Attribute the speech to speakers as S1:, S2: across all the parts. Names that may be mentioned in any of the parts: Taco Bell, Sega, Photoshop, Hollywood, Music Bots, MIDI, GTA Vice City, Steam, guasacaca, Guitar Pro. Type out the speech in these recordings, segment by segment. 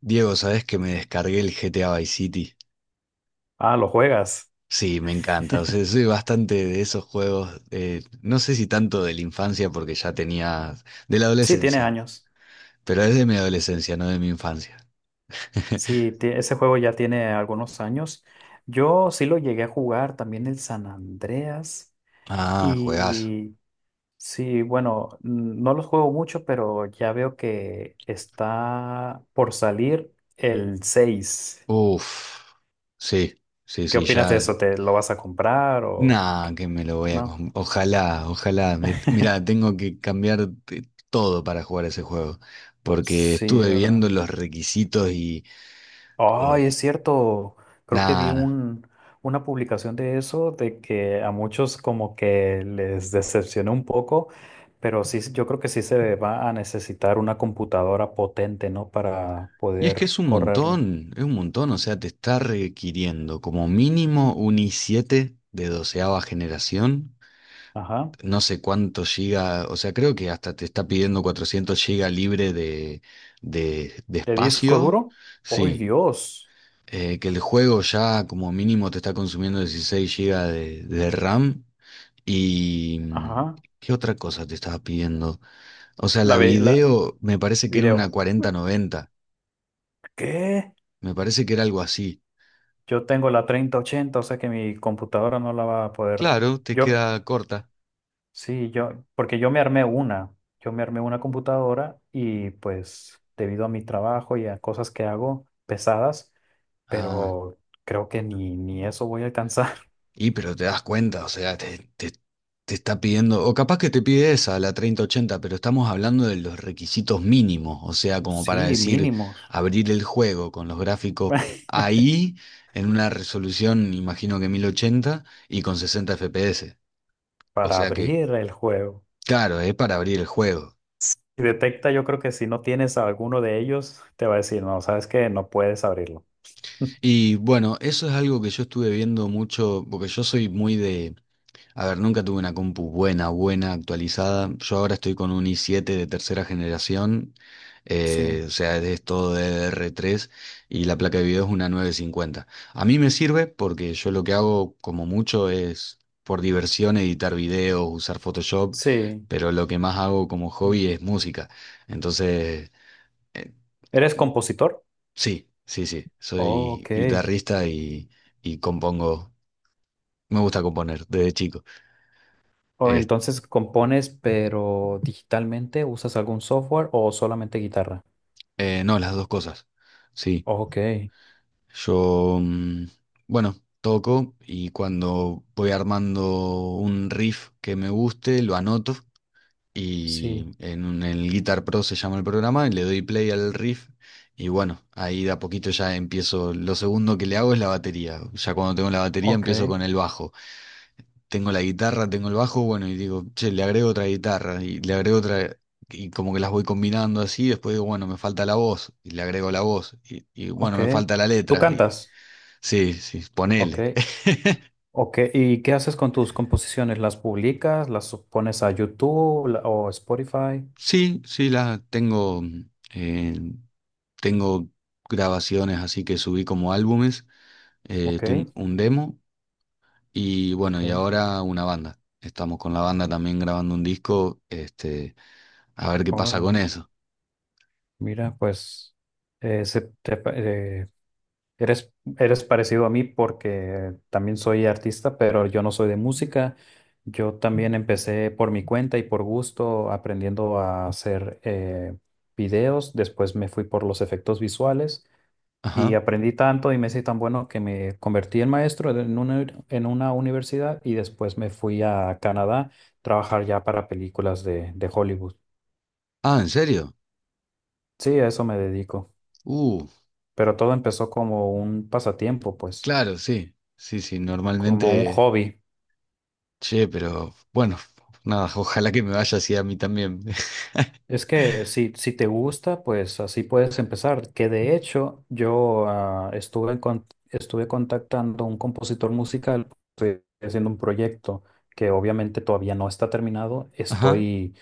S1: Diego, ¿sabes que me descargué el GTA Vice City?
S2: Ah, lo juegas.
S1: Sí, me encanta. O sea, soy bastante de esos juegos. No sé si tanto de la infancia, porque ya tenía. De la
S2: Sí, tiene
S1: adolescencia.
S2: años.
S1: Pero es de mi adolescencia, no de mi infancia.
S2: Ese juego ya tiene algunos años. Yo sí lo llegué a jugar, también el San Andreas.
S1: Ah, juegazo.
S2: Y sí, bueno, no los juego mucho, pero ya veo que está por salir el 6.
S1: Uf. Sí, sí,
S2: ¿Qué
S1: sí,
S2: opinas de
S1: ya.
S2: eso? ¿Te lo vas a comprar o
S1: Nah, que me lo voy a.
S2: no?
S1: Ojalá, ojalá. Mirá, tengo que cambiar todo para jugar ese juego. Porque
S2: Sí,
S1: estuve viendo
S2: ¿verdad?
S1: los requisitos y.
S2: Ay,
S1: eh,
S2: es cierto. Creo que
S1: nada.
S2: una publicación de eso, de que a muchos como que les decepcionó un poco, pero sí, yo creo que sí se va a necesitar una computadora potente, ¿no? Para
S1: Y es que
S2: poder correrlo.
S1: es un montón, o sea, te está requiriendo como mínimo un i7 de doceava generación,
S2: Ajá.
S1: no sé cuánto giga, o sea, creo que hasta te está pidiendo 400 giga libre de
S2: ¿De disco
S1: espacio,
S2: duro? ¡Ay,
S1: sí,
S2: Dios!
S1: que el juego ya como mínimo te está consumiendo 16 giga de RAM y... mm,
S2: Ajá.
S1: ¿qué otra cosa te estaba pidiendo? O sea,
S2: La,
S1: la
S2: ve- la
S1: video me parece que era
S2: video.
S1: una 4090,
S2: ¿Qué?
S1: me parece que era algo así.
S2: Yo tengo la treinta ochenta, o sea que mi computadora no la va a poder.
S1: Claro, te
S2: Yo,
S1: queda corta.
S2: Sí, porque yo me armé una computadora y pues debido a mi trabajo y a cosas que hago pesadas,
S1: Ah,
S2: pero creo que ni eso voy a alcanzar.
S1: y pero te das cuenta, o sea, te está pidiendo, o capaz que te pide esa, la 3080, pero estamos hablando de los requisitos mínimos, o sea, como para
S2: Sí,
S1: decir,
S2: mínimos.
S1: abrir el juego con los gráficos ahí, en una resolución, imagino que 1080 y con 60 FPS. O
S2: Para
S1: sea que,
S2: abrir el juego.
S1: claro, es para abrir el juego.
S2: Y detecta, yo creo que si no tienes alguno de ellos, te va a decir, no, sabes que no puedes abrirlo.
S1: Y bueno, eso es algo que yo estuve viendo mucho, porque yo soy muy de a ver, nunca tuve una compu buena, buena, actualizada. Yo ahora estoy con un i7 de tercera generación,
S2: Sí,
S1: o sea, es todo D D r 3 y la placa de video es una 950. A mí me sirve porque yo lo que hago como mucho es por diversión editar videos, usar Photoshop,
S2: sí.
S1: pero lo que más hago como hobby es música. Entonces, eh,
S2: ¿Eres compositor?
S1: sí, sí, sí,
S2: Oh,
S1: soy
S2: ok.
S1: guitarrista y compongo, me gusta componer desde chico.
S2: O entonces compones, pero digitalmente, ¿usas algún software o solamente guitarra?
S1: No, las dos cosas. Sí,
S2: Ok,
S1: yo, bueno, toco y cuando voy armando un riff que me guste, lo anoto
S2: sí,
S1: y el Guitar Pro se llama el programa y le doy play al riff y bueno, ahí de a poquito ya empiezo. Lo segundo que le hago es la batería. Ya cuando tengo la batería
S2: ok,
S1: empiezo con el bajo, tengo la guitarra, tengo el bajo, bueno, y digo, che, le agrego otra guitarra y le agrego otra, y como que las voy combinando así, después digo, bueno, me falta la voz, y le agrego la voz, y bueno,
S2: ok.
S1: me falta la
S2: ¿Tú
S1: letra, y
S2: cantas?
S1: sí, sí,
S2: Ok,
S1: ponele.
S2: ok. ¿Y qué haces con tus composiciones? ¿Las publicas? ¿Las pones a YouTube o Spotify?
S1: Sí, sí, la tengo, eh, tengo grabaciones así que subí como álbumes,
S2: Ok,
S1: tengo un demo y bueno,
S2: ok.
S1: y ahora una banda. Estamos con la banda también grabando un disco, este, a ver qué pasa con
S2: Órale.
S1: eso.
S2: Mira, pues eh, se, Eres, eres parecido a mí porque también soy artista, pero yo no soy de música. Yo también empecé por mi cuenta y por gusto aprendiendo a hacer videos. Después me fui por los efectos visuales y
S1: Ajá.
S2: aprendí tanto y me hice tan bueno que me convertí en maestro en una universidad y después me fui a Canadá a trabajar ya para películas de Hollywood.
S1: Ah, ¿en serio?
S2: Sí, a eso me dedico.
S1: Uh,
S2: Pero todo empezó como un pasatiempo, pues,
S1: Claro, sí, sí, sí,
S2: como un
S1: normalmente,
S2: hobby.
S1: che, pero bueno, nada, ojalá que me vaya así a mí también.
S2: Es que si te gusta, pues así puedes empezar. Que de hecho yo estuve contactando a un compositor musical, estoy haciendo un proyecto que obviamente todavía no está terminado,
S1: Ajá,
S2: estoy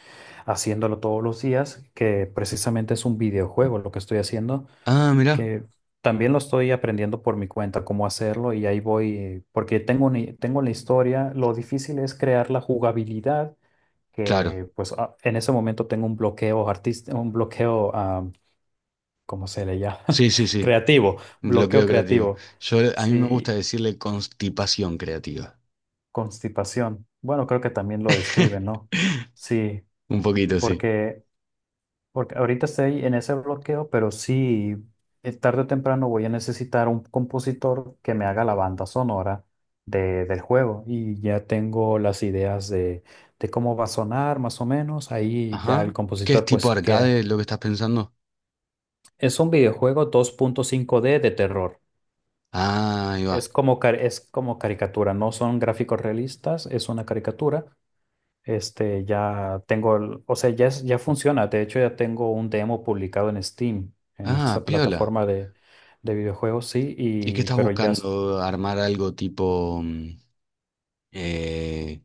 S2: haciéndolo todos los días, que precisamente es un videojuego lo que estoy haciendo,
S1: ah, mirá,
S2: que también lo estoy aprendiendo por mi cuenta cómo hacerlo y ahí voy, porque tengo la historia, lo difícil es crear la jugabilidad
S1: claro,
S2: que pues en ese momento tengo un bloqueo artístico, ¿cómo se le llama?
S1: sí, sí, sí,
S2: Creativo, bloqueo
S1: bloqueo creativo.
S2: creativo.
S1: Yo, a mí me gusta
S2: Sí,
S1: decirle constipación creativa.
S2: constipación. Bueno, creo que también lo describe, ¿no? Sí,
S1: Un poquito, sí.
S2: porque, porque ahorita estoy en ese bloqueo, pero sí, tarde o temprano voy a necesitar un compositor que me haga la banda sonora de, del juego y ya tengo las ideas de cómo va a sonar más o menos. Ahí ya el
S1: Ajá, ¿qué es
S2: compositor
S1: tipo
S2: pues
S1: arcade
S2: que...
S1: lo que estás pensando?
S2: Es un videojuego 2.5D de terror.
S1: Ah, ahí va.
S2: Es como caricatura, no son gráficos realistas, es una caricatura. Este, ya tengo, el- o sea, ya, es- ya funciona. De hecho, ya tengo un demo publicado en Steam, en
S1: Ah,
S2: esta
S1: piola.
S2: plataforma de videojuegos, sí,
S1: ¿Y qué
S2: y,
S1: estás
S2: pero ya...
S1: buscando? ¿Armar algo tipo eh,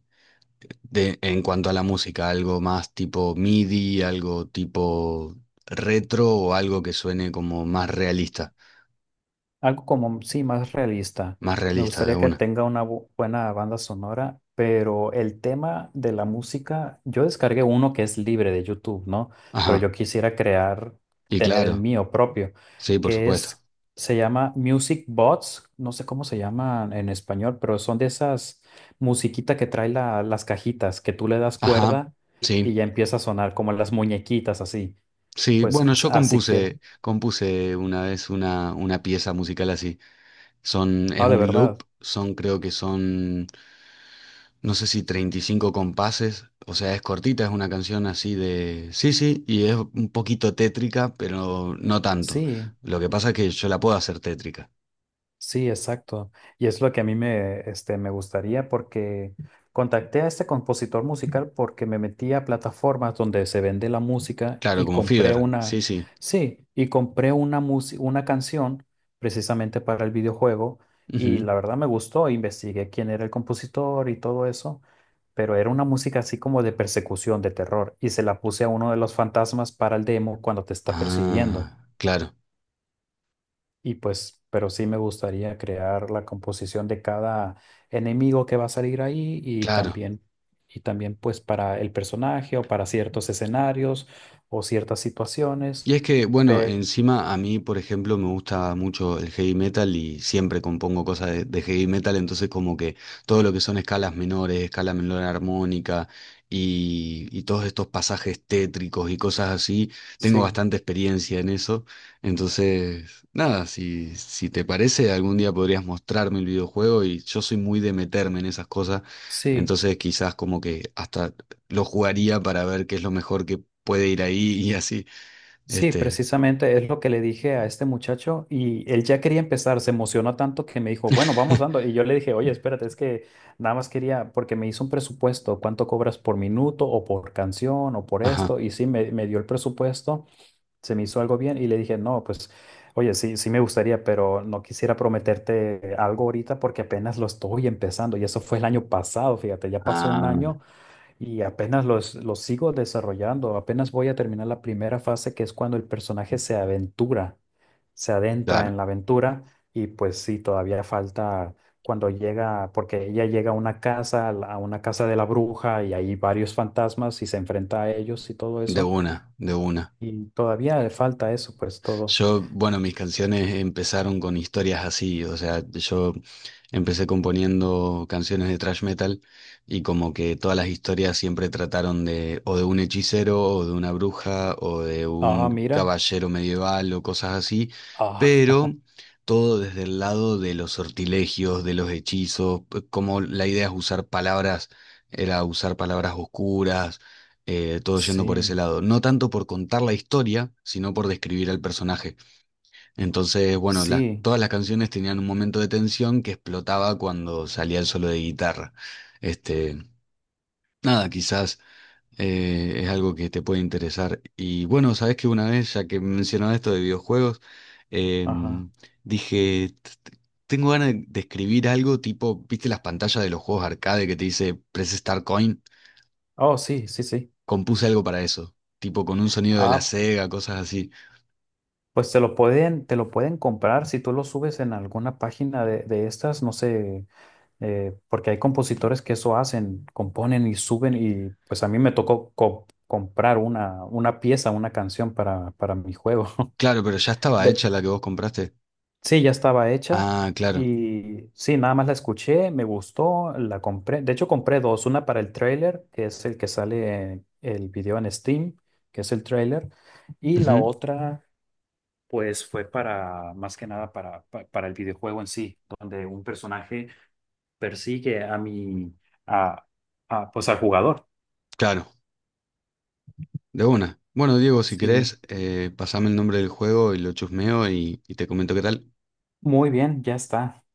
S1: de, en cuanto a la música, algo más tipo MIDI, algo tipo retro o algo que suene como
S2: Algo como, sí, más realista.
S1: más
S2: Me
S1: realista de
S2: gustaría que
S1: una.
S2: tenga una buena banda sonora, pero el tema de la música, yo descargué uno que es libre de YouTube, ¿no? Pero
S1: Ajá,
S2: yo quisiera crear,
S1: y
S2: tener el
S1: claro,
S2: mío propio,
S1: sí, por
S2: que
S1: supuesto.
S2: es, se llama Music Bots, no sé cómo se llaman en español, pero son de esas musiquita que las cajitas, que tú le das
S1: Ajá,
S2: cuerda y
S1: sí,
S2: ya empieza a sonar como las muñequitas así.
S1: sí, bueno,
S2: Así quiero.
S1: compuse una vez una pieza musical así. Son, es
S2: Ah, de
S1: un loop,
S2: verdad.
S1: son creo que son no sé si 35 compases, o sea, es cortita, es una canción así de... Sí, sí, y es un poquito tétrica, pero no tanto.
S2: Sí.
S1: Lo que pasa es que yo la puedo hacer tétrica.
S2: Sí, exacto. Y es lo que a mí me, este, me gustaría porque contacté a este compositor musical porque me metí a plataformas donde se vende la música
S1: Claro,
S2: y
S1: como Fever, sí, sí.
S2: sí, y compré una música, una canción precisamente para el videojuego y
S1: Ujú.
S2: la verdad me gustó, investigué quién era el compositor y todo eso, pero era una música así como de persecución, de terror y se la puse a uno de los fantasmas para el demo cuando te está persiguiendo.
S1: Ah, claro,
S2: Y pues, pero sí me gustaría crear la composición de cada enemigo que va a salir ahí
S1: claro.
S2: y también pues para el personaje o para ciertos escenarios o ciertas
S1: Y
S2: situaciones.
S1: es que, bueno,
S2: Pe-
S1: encima a mí, por ejemplo, me gusta mucho el heavy metal y siempre compongo cosas de heavy metal, entonces como que todo lo que son escalas menores, escala menor armónica y todos estos pasajes tétricos y cosas así, tengo
S2: sí,
S1: bastante experiencia en eso. Entonces, nada, si, si te parece, algún día podrías mostrarme el videojuego y yo soy muy de meterme en esas cosas,
S2: sí,
S1: entonces quizás como que hasta lo jugaría para ver qué es lo mejor que puede ir ahí y así.
S2: sí,
S1: Este,
S2: precisamente es lo que le dije a este muchacho y él ya quería empezar, se emocionó tanto que me dijo, bueno, vamos dando. Y yo le dije, oye, espérate, es que nada más quería, porque me hizo un presupuesto, cuánto cobras por minuto o por canción o por
S1: ajá,
S2: esto, y sí, me dio el presupuesto. Se me hizo algo bien y le dije, no, pues, oye, sí, sí me gustaría, pero no quisiera prometerte algo ahorita porque apenas lo estoy empezando y eso fue el año pasado, fíjate, ya pasó un
S1: ah,
S2: año y apenas los sigo desarrollando, apenas voy a terminar la primera fase que es cuando el personaje se aventura, se adentra en
S1: claro,
S2: la aventura y pues sí, todavía falta... Cuando llega, porque ella llega a una casa, a una casa de la bruja y hay varios fantasmas y se enfrenta a ellos y todo
S1: de
S2: eso.
S1: una, de una.
S2: Y todavía le falta eso, pues todo.
S1: Yo, bueno, mis canciones empezaron con historias así, o sea, yo empecé componiendo canciones de thrash metal y como que todas las historias siempre trataron de o de un hechicero o de una bruja o de
S2: Ah,
S1: un
S2: mira.
S1: caballero medieval o cosas así,
S2: Ah,
S1: pero todo desde el lado de los sortilegios, de los hechizos, como la idea es usar palabras, era usar palabras oscuras, todo yendo por ese
S2: sí,
S1: lado. No tanto por contar la historia, sino por describir al personaje. Entonces, bueno,
S2: sí,
S1: todas las canciones tenían un momento de tensión que explotaba cuando salía el solo de guitarra. Este, nada, quizás es algo que te puede interesar. Y bueno, sabes que una vez, ya que mencionaba esto de videojuegos,
S2: ajá.
S1: em, dije, tengo ganas de escribir algo tipo, ¿viste las pantallas de los juegos arcade que te dice Press Start Coin?"
S2: Oh, sí, sí, sí.
S1: Compuse algo para eso, tipo con un sonido de la
S2: Ah,
S1: Sega, cosas así.
S2: pues te lo pueden comprar si tú lo subes en alguna página de estas, no sé, porque hay compositores que eso hacen, componen y suben y pues a mí me tocó comprar una pieza, una canción para mi juego.
S1: Claro, pero ya estaba
S2: De,
S1: hecha la que vos compraste.
S2: sí, ya estaba hecha
S1: Ah, claro.
S2: y sí, nada más la escuché, me gustó, la compré. De hecho, compré dos, una para el trailer, que es el que sale en el video en Steam, que es el trailer, y la
S1: Ujú.
S2: otra, pues fue para, más que nada, para el videojuego en sí, donde un personaje persigue a mi, a, a, pues al jugador.
S1: Claro. De una. Bueno, Diego, si
S2: Sí,
S1: querés, pasame el nombre del juego y lo chusmeo y te comento qué tal.
S2: muy bien, ya está.